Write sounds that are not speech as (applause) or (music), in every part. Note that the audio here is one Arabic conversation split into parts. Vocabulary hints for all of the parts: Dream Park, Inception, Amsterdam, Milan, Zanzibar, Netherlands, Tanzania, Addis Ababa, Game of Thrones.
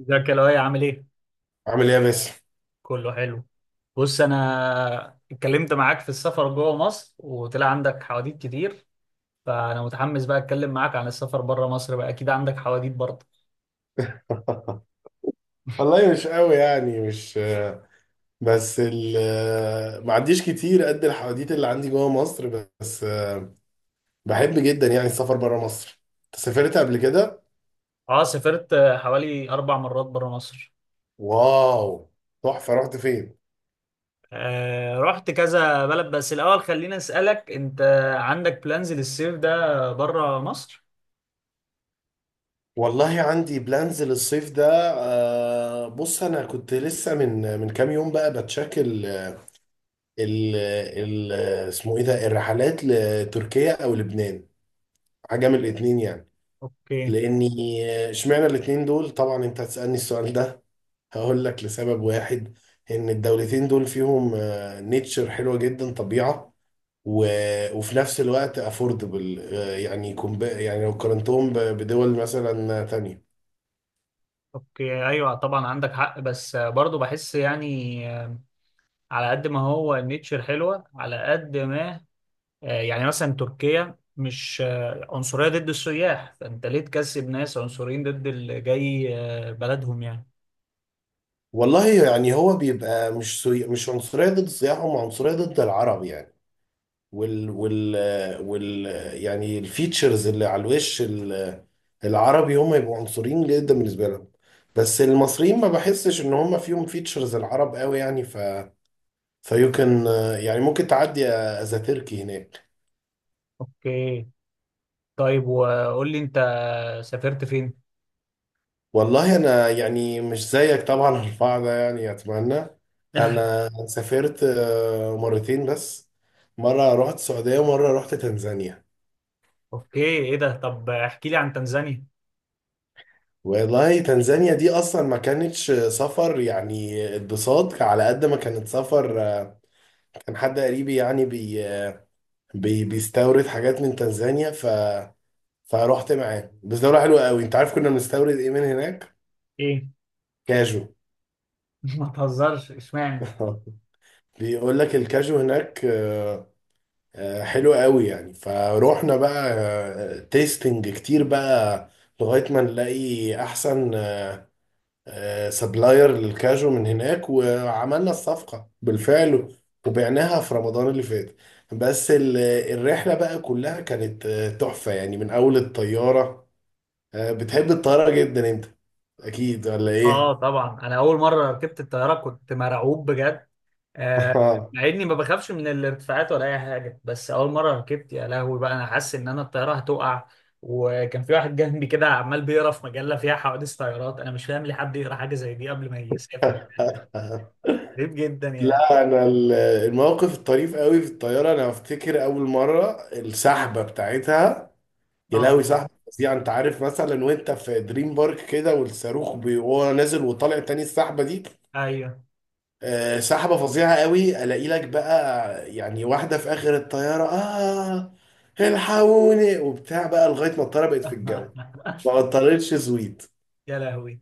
ازيك يا لؤي؟ عامل ايه؟ عامل ايه يا باسم؟ كله حلو. بص، انا اتكلمت معاك في السفر جوه مصر وطلع عندك حواديت كتير، فانا متحمس بقى اتكلم معاك عن السفر بره مصر بقى. اكيد عندك حواديت برضه. (laughs) والله مش قوي، يعني مش بس ال ما عنديش كتير قد الحواديت اللي عندي جوه مصر، بس بحب جدا يعني السفر بره مصر. أنت سافرت قبل كده؟ اه سافرت حوالي اربع مرات بره مصر. واو، تحفة. رحت فين؟ آه، رحت كذا بلد، بس الاول خلينا اسالك انت، عندك بلانز للصيف ده بره مصر؟ والله عندي بلانز للصيف ده. بص انا كنت لسه من كام يوم بقى بتشكل ال ال اسمه ايه ده، الرحلات لتركيا او لبنان، حاجة من الاتنين يعني. اوكي. لاني اشمعنى الاتنين دول، طبعا انت هتسالني السؤال ده، هقول لك لسبب واحد، ان الدولتين دول فيهم نيتشر حلوه جدا، طبيعه و... وفي نفس الوقت افوردبل يعني يعني لو قارنتهم بدول مثلا تانية. اوكي، ايوه طبعا عندك حق، بس برضه بحس يعني على قد ما هو النيتشر حلوة، على قد ما يعني مثلا تركيا مش عنصرية ضد السياح، فأنت ليه تكسب ناس عنصريين ضد اللي جاي بلدهم يعني. والله يعني هو بيبقى مش عنصريه ضد السياح، هم عنصريه ضد العرب يعني. وال وال وال يعني الفيتشرز اللي على الوش العربي، هم يبقوا عنصريين جدا بالنسبه لهم. بس المصريين ما بحسش ان هم فيهم فيتشرز العرب قوي يعني، ف فيو كان يعني ممكن تعدي از تركي هناك. أوكي. طيب وقول لي أنت، سافرت فين؟ والله انا يعني مش زيك طبعا، (laughs) الرفاع ده يعني اتمنى. (laughs) انا سافرت مرتين بس، مره رحت السعوديه ومره رحت تنزانيا. أوكي، إيه ده؟ طب احكي لي عن تنزانيا. والله تنزانيا دي اصلا ما كانتش سفر، يعني اتبساط على قد ما كانت سفر. كان حد قريبي يعني بي بي بيستورد حاجات من تنزانيا، ف فروحت معاه. بس دولة حلوة قوي. انت عارف كنا بنستورد ايه من هناك؟ إيه؟ كاجو. (laughs) ما تهزرش، إشمعنى؟ (laughs) بيقول لك الكاجو هناك حلو قوي يعني، فروحنا بقى تيستنج كتير بقى لغاية ما نلاقي احسن سبلاير للكاجو من هناك، وعملنا الصفقة بالفعل وبعناها في رمضان اللي فات. بس الرحلة بقى كلها كانت تحفة يعني. من أول الطيارة، بتحب الطيارة جدا أنت، أكيد ولا آه إيه؟ طبعا، أنا أول مرة ركبت الطيارة كنت مرعوب بجد. آه، مع (laughs) اني ما بخافش من الارتفاعات ولا اي حاجه، بس اول مره ركبت يا لهوي بقى، انا حاسس ان انا الطياره هتقع. وكان في واحد جنبي كده عمال بيقرا في مجله فيها حوادث طيارات، انا مش فاهم ليه حد يقرا حاجه زي دي قبل ما يسافر يعني. غريب جدا يعني. لا أنا الموقف الطريف قوي في الطيارة، أنا أفتكر أول مرة السحبة بتاعتها. يا اه لهوي، طبعا. سحبة فظيعة. أنت عارف مثلا وأنت في دريم بارك كده، والصاروخ وهو نازل وطالع تاني، السحبة دي. ايوه. سحبة فظيعة قوي. الاقي لك بقى يعني واحدة في اخر الطيارة: اه الحقوني وبتاع بقى، لغاية ما الطيارة بقت في الجو (laughs) ما قطرتش زويد. يا لهوي.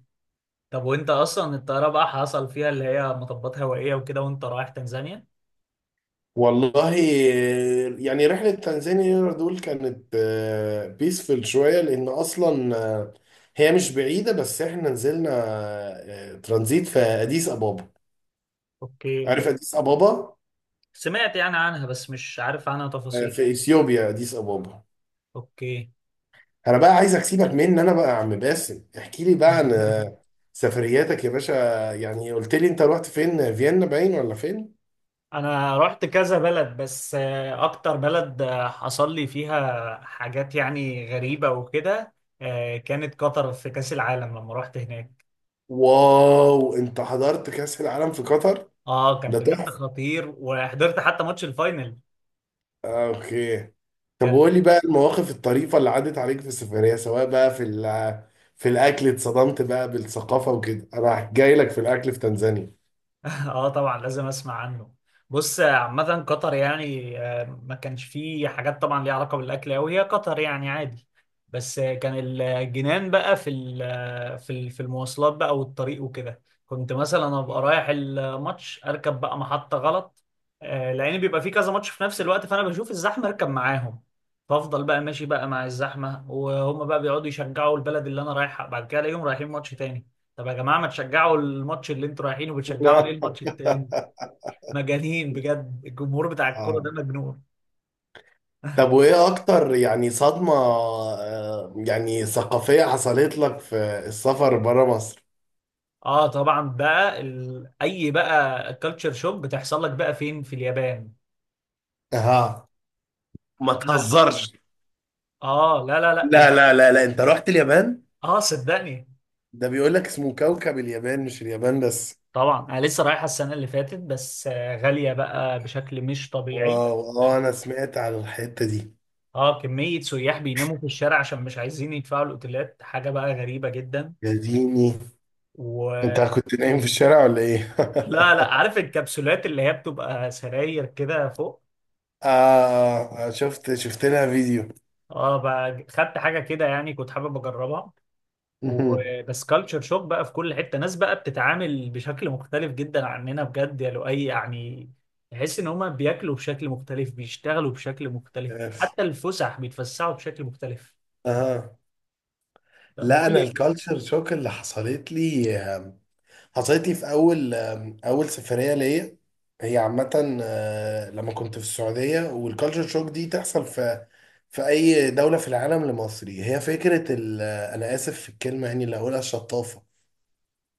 طب وانت اصلا الطياره بقى حصل فيها اللي هي مطبات هوائيه وكده وانت رايح تنزانيا؟ والله يعني رحلة تنزانيا دول كانت بيسفل شوية، لأن أصلا هي مش بعيدة، بس إحنا نزلنا ترانزيت في أديس أبابا. اوكي. عارف أديس أبابا؟ سمعت يعني عنها، بس مش عارف عنها تفاصيل. في إثيوبيا أديس أبابا. اوكي. انا بقى عايزك سيبك من ان انا بقى يا عم باسم، احكي لي بقى عن (laughs) سفرياتك يا باشا. يعني قلت لي انت رحت فين، فيينا باين ولا فين؟ انا رحت كذا بلد، بس اكتر بلد حصل لي فيها حاجات يعني غريبة وكده كانت قطر في كأس العالم لما رحت هناك. واو، انت حضرت كأس العالم في قطر؟ اه كان ده بجد تحفة. خطير، وحضرت حتى ماتش الفاينل. اوكي. طب كان. وقول لي بقى المواقف الطريفة اللي عدت عليك في السفرية، سواء بقى في في الاكل، اتصدمت بقى بالثقافة وكده. انا جاي لك في الاكل في تنزانيا. اه طبعا، لازم اسمع عنه. بص، عامة قطر يعني ما كانش فيه حاجات طبعا ليها علاقة بالأكل أوي، هي قطر يعني عادي. بس كان الجنان بقى في في في المواصلات بقى والطريق وكده. كنت مثلا أبقى رايح الماتش، أركب بقى محطة غلط، لأن بيبقى فيه كذا ماتش في نفس الوقت، فأنا بشوف الزحمة أركب معاهم. فأفضل بقى ماشي بقى مع الزحمة وهم بقى بيقعدوا يشجعوا البلد اللي أنا رايحها، بعد كده ألاقيهم رايحين ماتش تاني. طب يا جماعه، ما تشجعوا الماتش اللي انتوا رايحينه، بتشجعوا ليه (laughs) الماتش التاني؟ مجانين بجد، الجمهور بتاع الكوره اه. ده مجنون. طب وايه اكتر يعني صدمة يعني ثقافية حصلت لك في السفر بره مصر؟ اه طبعا بقى اي بقى كالتشر شوك بتحصل لك بقى فين؟ في اليابان. اها، ما أنا... تهزرش. اه لا لا لا لا لا لا لا، انت رحت اليابان؟ اه صدقني. ده بيقول لك اسمه كوكب اليابان، مش اليابان بس. طبعا انا لسه رايحه السنه اللي فاتت، بس غاليه بقى بشكل مش طبيعي. واو، اه انا سمعت على الحتة دي. اه، كميه سياح بيناموا في الشارع عشان مش عايزين يدفعوا الاوتيلات، حاجه بقى غريبه جدا. يا ديني. و... انت كنت نايم في الشارع ولا ايه؟ لا لا، عارف الكبسولات اللي هي بتبقى سراير كده فوق؟ (laughs) شفت، شفت لها فيديو. اه بقى خدت حاجه كده، يعني كنت حابب اجربها. (laughs) وبس كالتشر شوك بقى في كل حته، ناس بقى بتتعامل بشكل مختلف جدا عننا بجد يا لؤي يعني. تحس ان هما بياكلوا بشكل مختلف، بيشتغلوا بشكل مختلف، يس. حتى الفسح بيتفسحوا بشكل مختلف. اها. لا، لا بقول انا لي. الكالتشر شوك اللي حصلت لي، حصلت لي في اول سفريه ليا، هي عامه لما كنت في السعوديه. والكالتشر شوك دي تحصل في في اي دوله في العالم لمصري، هي فكره انا اسف في الكلمه يعني اللي هقولها، الشطافه.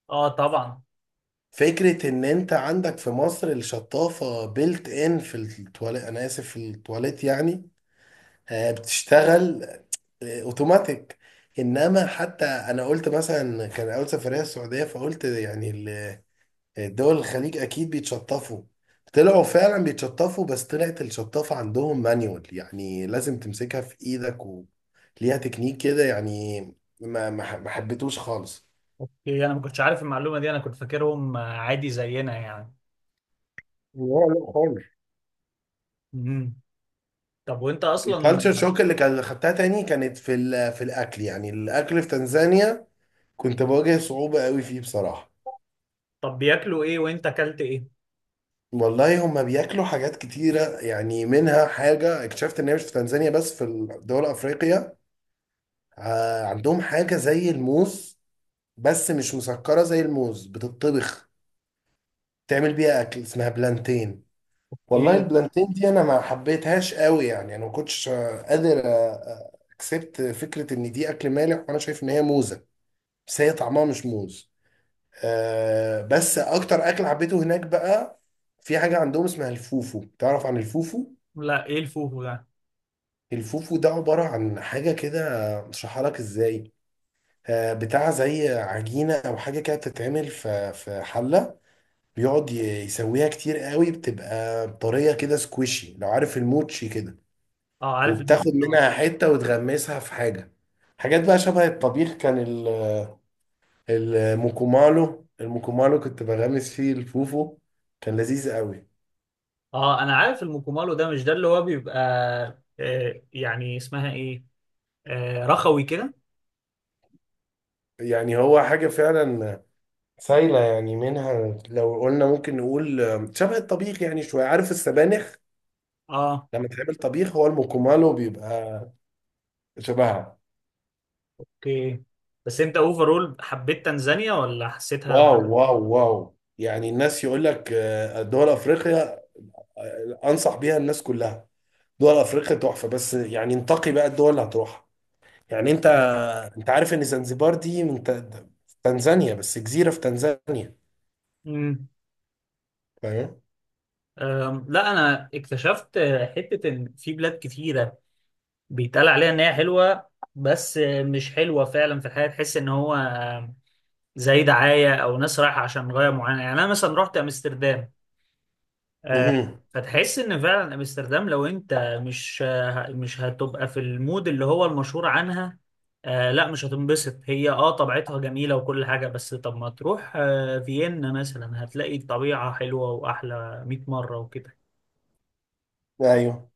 اه طبعا. فكره ان انت عندك في مصر الشطافه بيلت ان في التواليت، انا اسف في التواليت يعني، بتشتغل اوتوماتيك. انما حتى انا قلت مثلا، كان اول سفريه السعوديه، فقلت يعني دول الخليج اكيد بيتشطفوا، طلعوا فعلا بيتشطفوا، بس طلعت الشطافة عندهم مانيوال، يعني لازم تمسكها في ايدك وليها تكنيك كده يعني. ما حبيتوش خالص. اوكي، انا ما كنتش عارف المعلومه دي، انا كنت فاكرهم عادي زينا يعني. لا، لا خالص. امم. طب وانت اصلا. الكالتشر شوك اللي كان خدتها تاني كانت في في الاكل، يعني الاكل في تنزانيا كنت بواجه صعوبة قوي فيه بصراحة. طب بياكلوا ايه وانت اكلت ايه؟ والله هما بياكلوا حاجات كتيرة يعني، منها حاجة اكتشفت ان هي مش في تنزانيا بس، في دول افريقيا عندهم حاجة زي الموز، بس مش مسكرة زي الموز، بتطبخ تعمل بيها أكل اسمها بلانتين. والله ايه؟ البلانتين دي أنا ما حبيتهاش قوي يعني، أنا ما كنتش قادر أكسبت فكرة إن دي أكل مالح، وأنا شايف إن هي موزة بس هي طعمها مش موز. بس أكتر أكل حبيته هناك بقى، في حاجة عندهم اسمها الفوفو. تعرف عن الفوفو؟ لا، ايه الفوفو ده؟ الفوفو ده عبارة عن حاجة كده، مش هشرحها لك إزاي. بتاع زي عجينة أو حاجة كده، بتتعمل في في حلة، بيقعد ي- يسويها كتير قوي. بتبقى طرية كده سكويشي، لو عارف الموتشي كده. اه، عارف الموت وبتاخد طبعا. منها حتة وتغمسها في حاجة، حاجات بقى شبه الطبيخ. كان الموكومالو كنت بغمس فيه الفوفو، كان لذيذ قوي. اه انا عارف الموكومالو ده، مش ده اللي هو بيبقى آه يعني اسمها ايه، آه رخوي كده. يعني هو حاجة فعلا سايلة يعني، منها لو قلنا ممكن نقول شبه الطبيخ يعني، شوية عارف السبانخ اه. لما تعمل طبيخ، هو الموكومالو بيبقى شبهها. اوكي. بس انت اوفرول حبيت تنزانيا ولا حسيتها؟ واو واو واو، يعني الناس يقول لك دول افريقيا، انصح بيها الناس كلها، دول افريقيا تحفه. بس يعني انتقي بقى الدول اللي هتروحها. يعني انت، انت عارف ان زنزبار دي من تنزانيا، بس جزيره في تنزانيا. امم. فاهم؟ لا انا اكتشفت حتة، ان في بلاد كتيرة بيتقال عليها ان هي حلوة، بس مش حلوة فعلا. في الحياة تحس ان هو زي دعاية او ناس رايحة عشان غاية معينة يعني. انا مثلا رحت امستردام، آه، مهم. فتحس ان فعلا امستردام لو انت مش مش هتبقى في المود اللي هو المشهور عنها آه، لا مش هتنبسط. هي اه طبيعتها جميلة وكل حاجة، بس طب ما تروح آه فيينا مثلا، هتلاقي الطبيعة حلوة واحلى 100 مرة وكده. ايوه،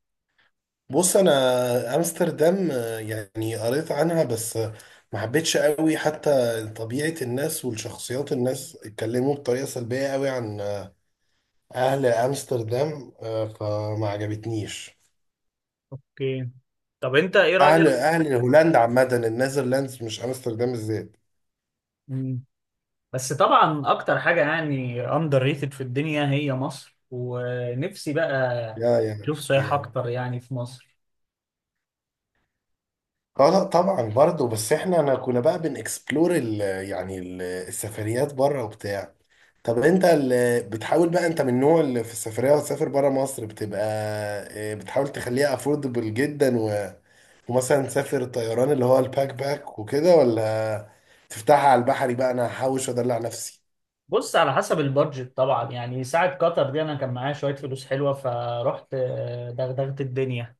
بص انا امستردام يعني قريت عنها بس ما حبيتش قوي. حتى طبيعه الناس والشخصيات، الناس اتكلموا بطريقه سلبيه قوي عن اهل امستردام، فما عجبتنيش. اوكي. طب انت ايه اهل رأيك؟ اهل هولندا عامه، النيذرلاندز، مش امستردام الذات. مم. بس طبعا اكتر حاجة يعني اندر ريتد في الدنيا هي مصر، ونفسي بقى يا، يا، اشوف سياحة يا، اكتر يعني في مصر. اه لا طبعا برضه. بس احنا انا كنا بقى بنكسبلور ال يعني ال السفريات بره وبتاع. طب انت اللي بتحاول بقى، انت من النوع اللي في السفريه وتسافر بره مصر بتبقى بتحاول تخليها افوردبل جدا ومثلا تسافر طيران، اللي هو الباك باك وكده، ولا تفتحها على البحري بقى، انا هحوش وادلع نفسي؟ بص، على حسب البادجت طبعا يعني. ساعة قطر دي انا كان معايا شوية فلوس حلوة، فرحت دغدغت الدنيا.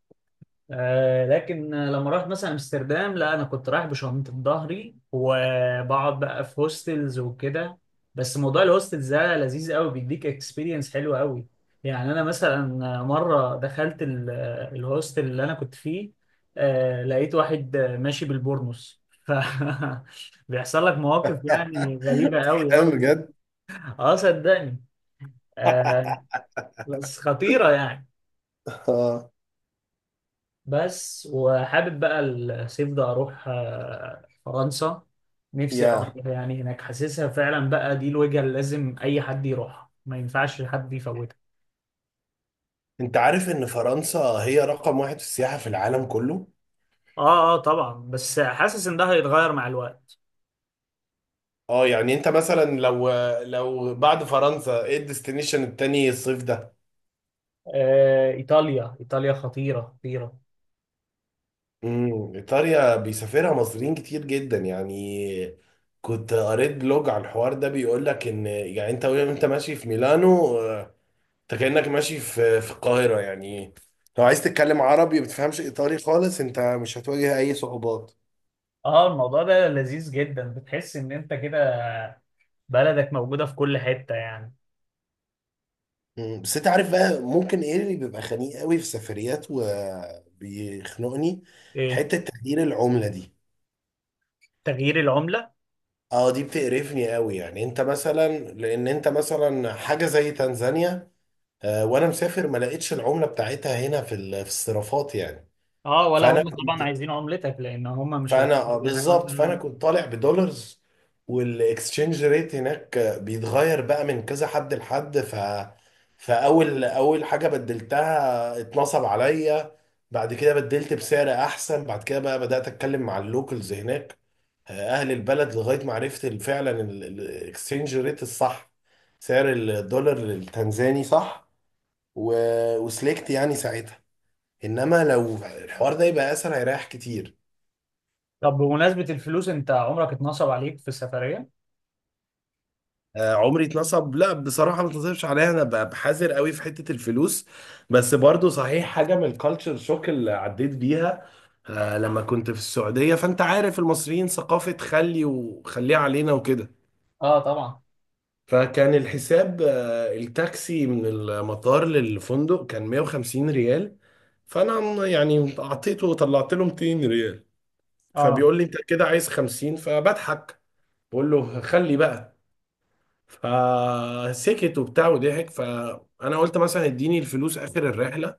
لكن لما رحت مثلا امستردام لا، انا كنت رايح بشنطة ظهري، وبقعد بقى في هوستلز وكده. بس موضوع الهوستلز ده لذيذ قوي، بيديك اكسبيرينس حلوة قوي. يعني انا مثلا مرة دخلت الهوستل اللي انا كنت فيه، لقيت واحد ماشي بالبورنوس، ف (laughs) بيحصل لك مواقف يعني غريبة (laughs) قوي كلام قوي. بجد. اه صدقني. آه. بس خطيرة يعني. اه بس وحابب بقى الصيف ده اروح آه فرنسا، نفسي أوي يا، أروح يعني هناك. حاسسها فعلا بقى دي الوجهة اللي لازم اي حد يروحها، ما ينفعش حد يفوتها. انت عارف ان فرنسا هي رقم واحد في السياحة في العالم كله. اه اه طبعا، بس حاسس ان ده هيتغير مع الوقت. اه يعني انت مثلا لو بعد فرنسا ايه الديستنيشن التاني الصيف ده؟ آه ايطاليا. ايطاليا خطيرة خطيرة. امم، ايطاليا بيسافرها مصريين كتير جدا يعني. كنت قريت بلوج على الحوار ده، بيقول لك ان يعني انت وانت ماشي في ميلانو، اه، انت كأنك ماشي في في القاهرة يعني، لو عايز تتكلم عربي ما بتفهمش ايطالي خالص، انت مش هتواجه اي صعوبات. اه، الموضوع ده لذيذ جدا، بتحس ان انت كده بلدك موجودة في كل حتة يعني. مم. بس انت عارف بقى ممكن ايه اللي بيبقى خنيق قوي في سفريات وبيخنقني؟ ايه؟ حتة تغيير العملة دي. تغيير العملة. اه دي بتقرفني قوي، يعني انت مثلا، لان انت مثلا حاجة زي تنزانيا آه وانا مسافر ما لقيتش العملة بتاعتها هنا في في الصرافات يعني. اه، ولا فانا هم طبعا كنت عايزين عملتك لان هم مش عايزين فانا آه، دي حاجه وانت. بالظبط فانا كنت طالع بدولارز، والاكسشينج ريت هناك بيتغير بقى من كذا حد لحد. ف فاول اول حاجه بدلتها اتنصب عليا، بعد كده بدلت بسعر احسن، بعد كده بقى بدات اتكلم مع اللوكلز هناك اهل البلد، لغايه ما عرفت فعلا الاكسشينج ريت الصح، سعر الدولار التنزاني صح، و... وسلكت يعني ساعتها. انما لو الحوار ده يبقى اسهل هيريح كتير. طب بمناسبه الفلوس، انت عمرك اتنصب عليك في السفريه؟ عمري اتنصب لا، بصراحة ما اتنصبش عليا، انا بحذر قوي في حتة الفلوس. بس برضو صحيح حاجة من الكالتشر شوك اللي عديت بيها لما كنت في السعودية، فانت عارف المصريين ثقافة خلي وخليه علينا وكده. اه طبعا. فكان الحساب التاكسي من المطار للفندق كان 150 ريال، فانا يعني اعطيته وطلعت له 200 ريال، اه. فبيقول لي انت كده عايز 50، فبضحك بقول له خلي بقى، فسكت وبتاع وضحك. فانا قلت مثلا اديني الفلوس اخر الرحله،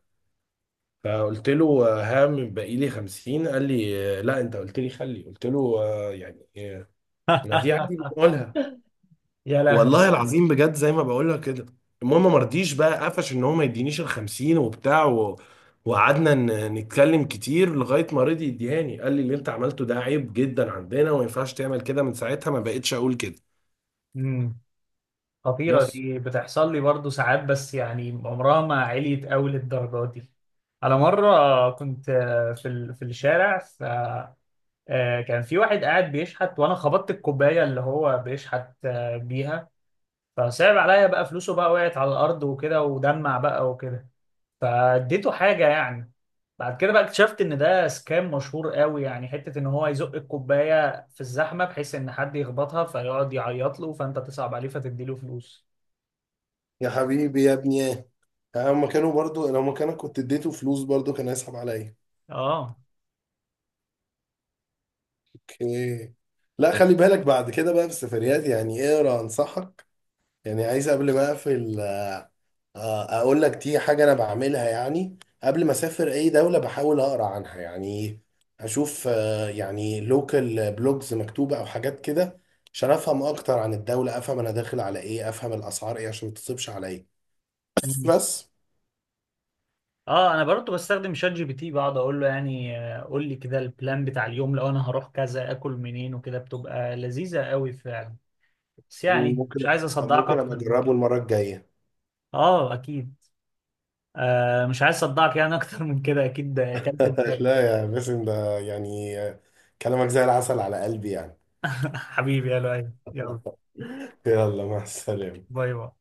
فقلت له ها من باقي لي 50، قال لي لا انت قلت لي خلي. قلت له انا دي عادي (laughs) بقولها، يا لهوي. والله العظيم بجد زي ما بقولها كده. المهم ما رضيش بقى، قفش ان هو ما يدينيش ال 50 وبتاع وقعدنا نتكلم كتير لغايه ما رضي يديهاني. قال لي اللي انت عملته ده عيب جدا عندنا، وما ينفعش تعمل كده. من ساعتها ما بقتش اقول كده. امم. خطيره، بس. دي بتحصل لي برضو ساعات، بس يعني عمرها ما عليت قوي للدرجه دي. على مره كنت في في الشارع، ف كان في واحد قاعد بيشحت، وانا خبطت الكوبايه اللي هو بيشحت بيها، فصعب عليا بقى. فلوسه بقى وقعت على الارض وكده ودمع بقى وكده، فاديته حاجة يعني. بعد كده بقى اكتشفت ان ده سكام مشهور قوي يعني، حتة ان هو يزق الكوباية في الزحمة بحيث ان حد يخبطها، فيقعد يعيط له، فانت تصعب عليه فتديله فلوس. يا حبيبي يا ابني يا، هما كانوا برضو لو مكانك كنت اديته فلوس برضو كان هيسحب عليا. اه. اوكي. لا خلي بالك بعد كده بقى في السفريات، يعني اقرا، انصحك يعني. عايز قبل ما اقفل اقول لك دي حاجه انا بعملها، يعني قبل ما اسافر اي دوله بحاول اقرا عنها يعني، اشوف يعني لوكال بلوجز مكتوبه او حاجات كده، عشان افهم اكتر عن الدوله، افهم انا داخل على ايه، افهم الاسعار ايه عشان ما تصيبش عليا. مم. بس. اه انا برضه بستخدم شات جي بي تي، بقعد اقول له يعني قول لي كده البلان بتاع اليوم، لو انا هروح كذا اكل منين وكده، بتبقى لذيذة قوي فعلا. بس يعني ممكن مش عايز اصدعك ممكن ابقى اكتر من اجربه كده. المره الجايه. اه اكيد. آه مش عايز اصدعك يعني اكتر من كده، اكيد اكلت (laughs) دماغي. لا يا باسم، ده يعني كلامك زي العسل على قلبي يعني. (laughs) حبيبي يا لؤي، يلا. يلا مع السلامة. باي باي.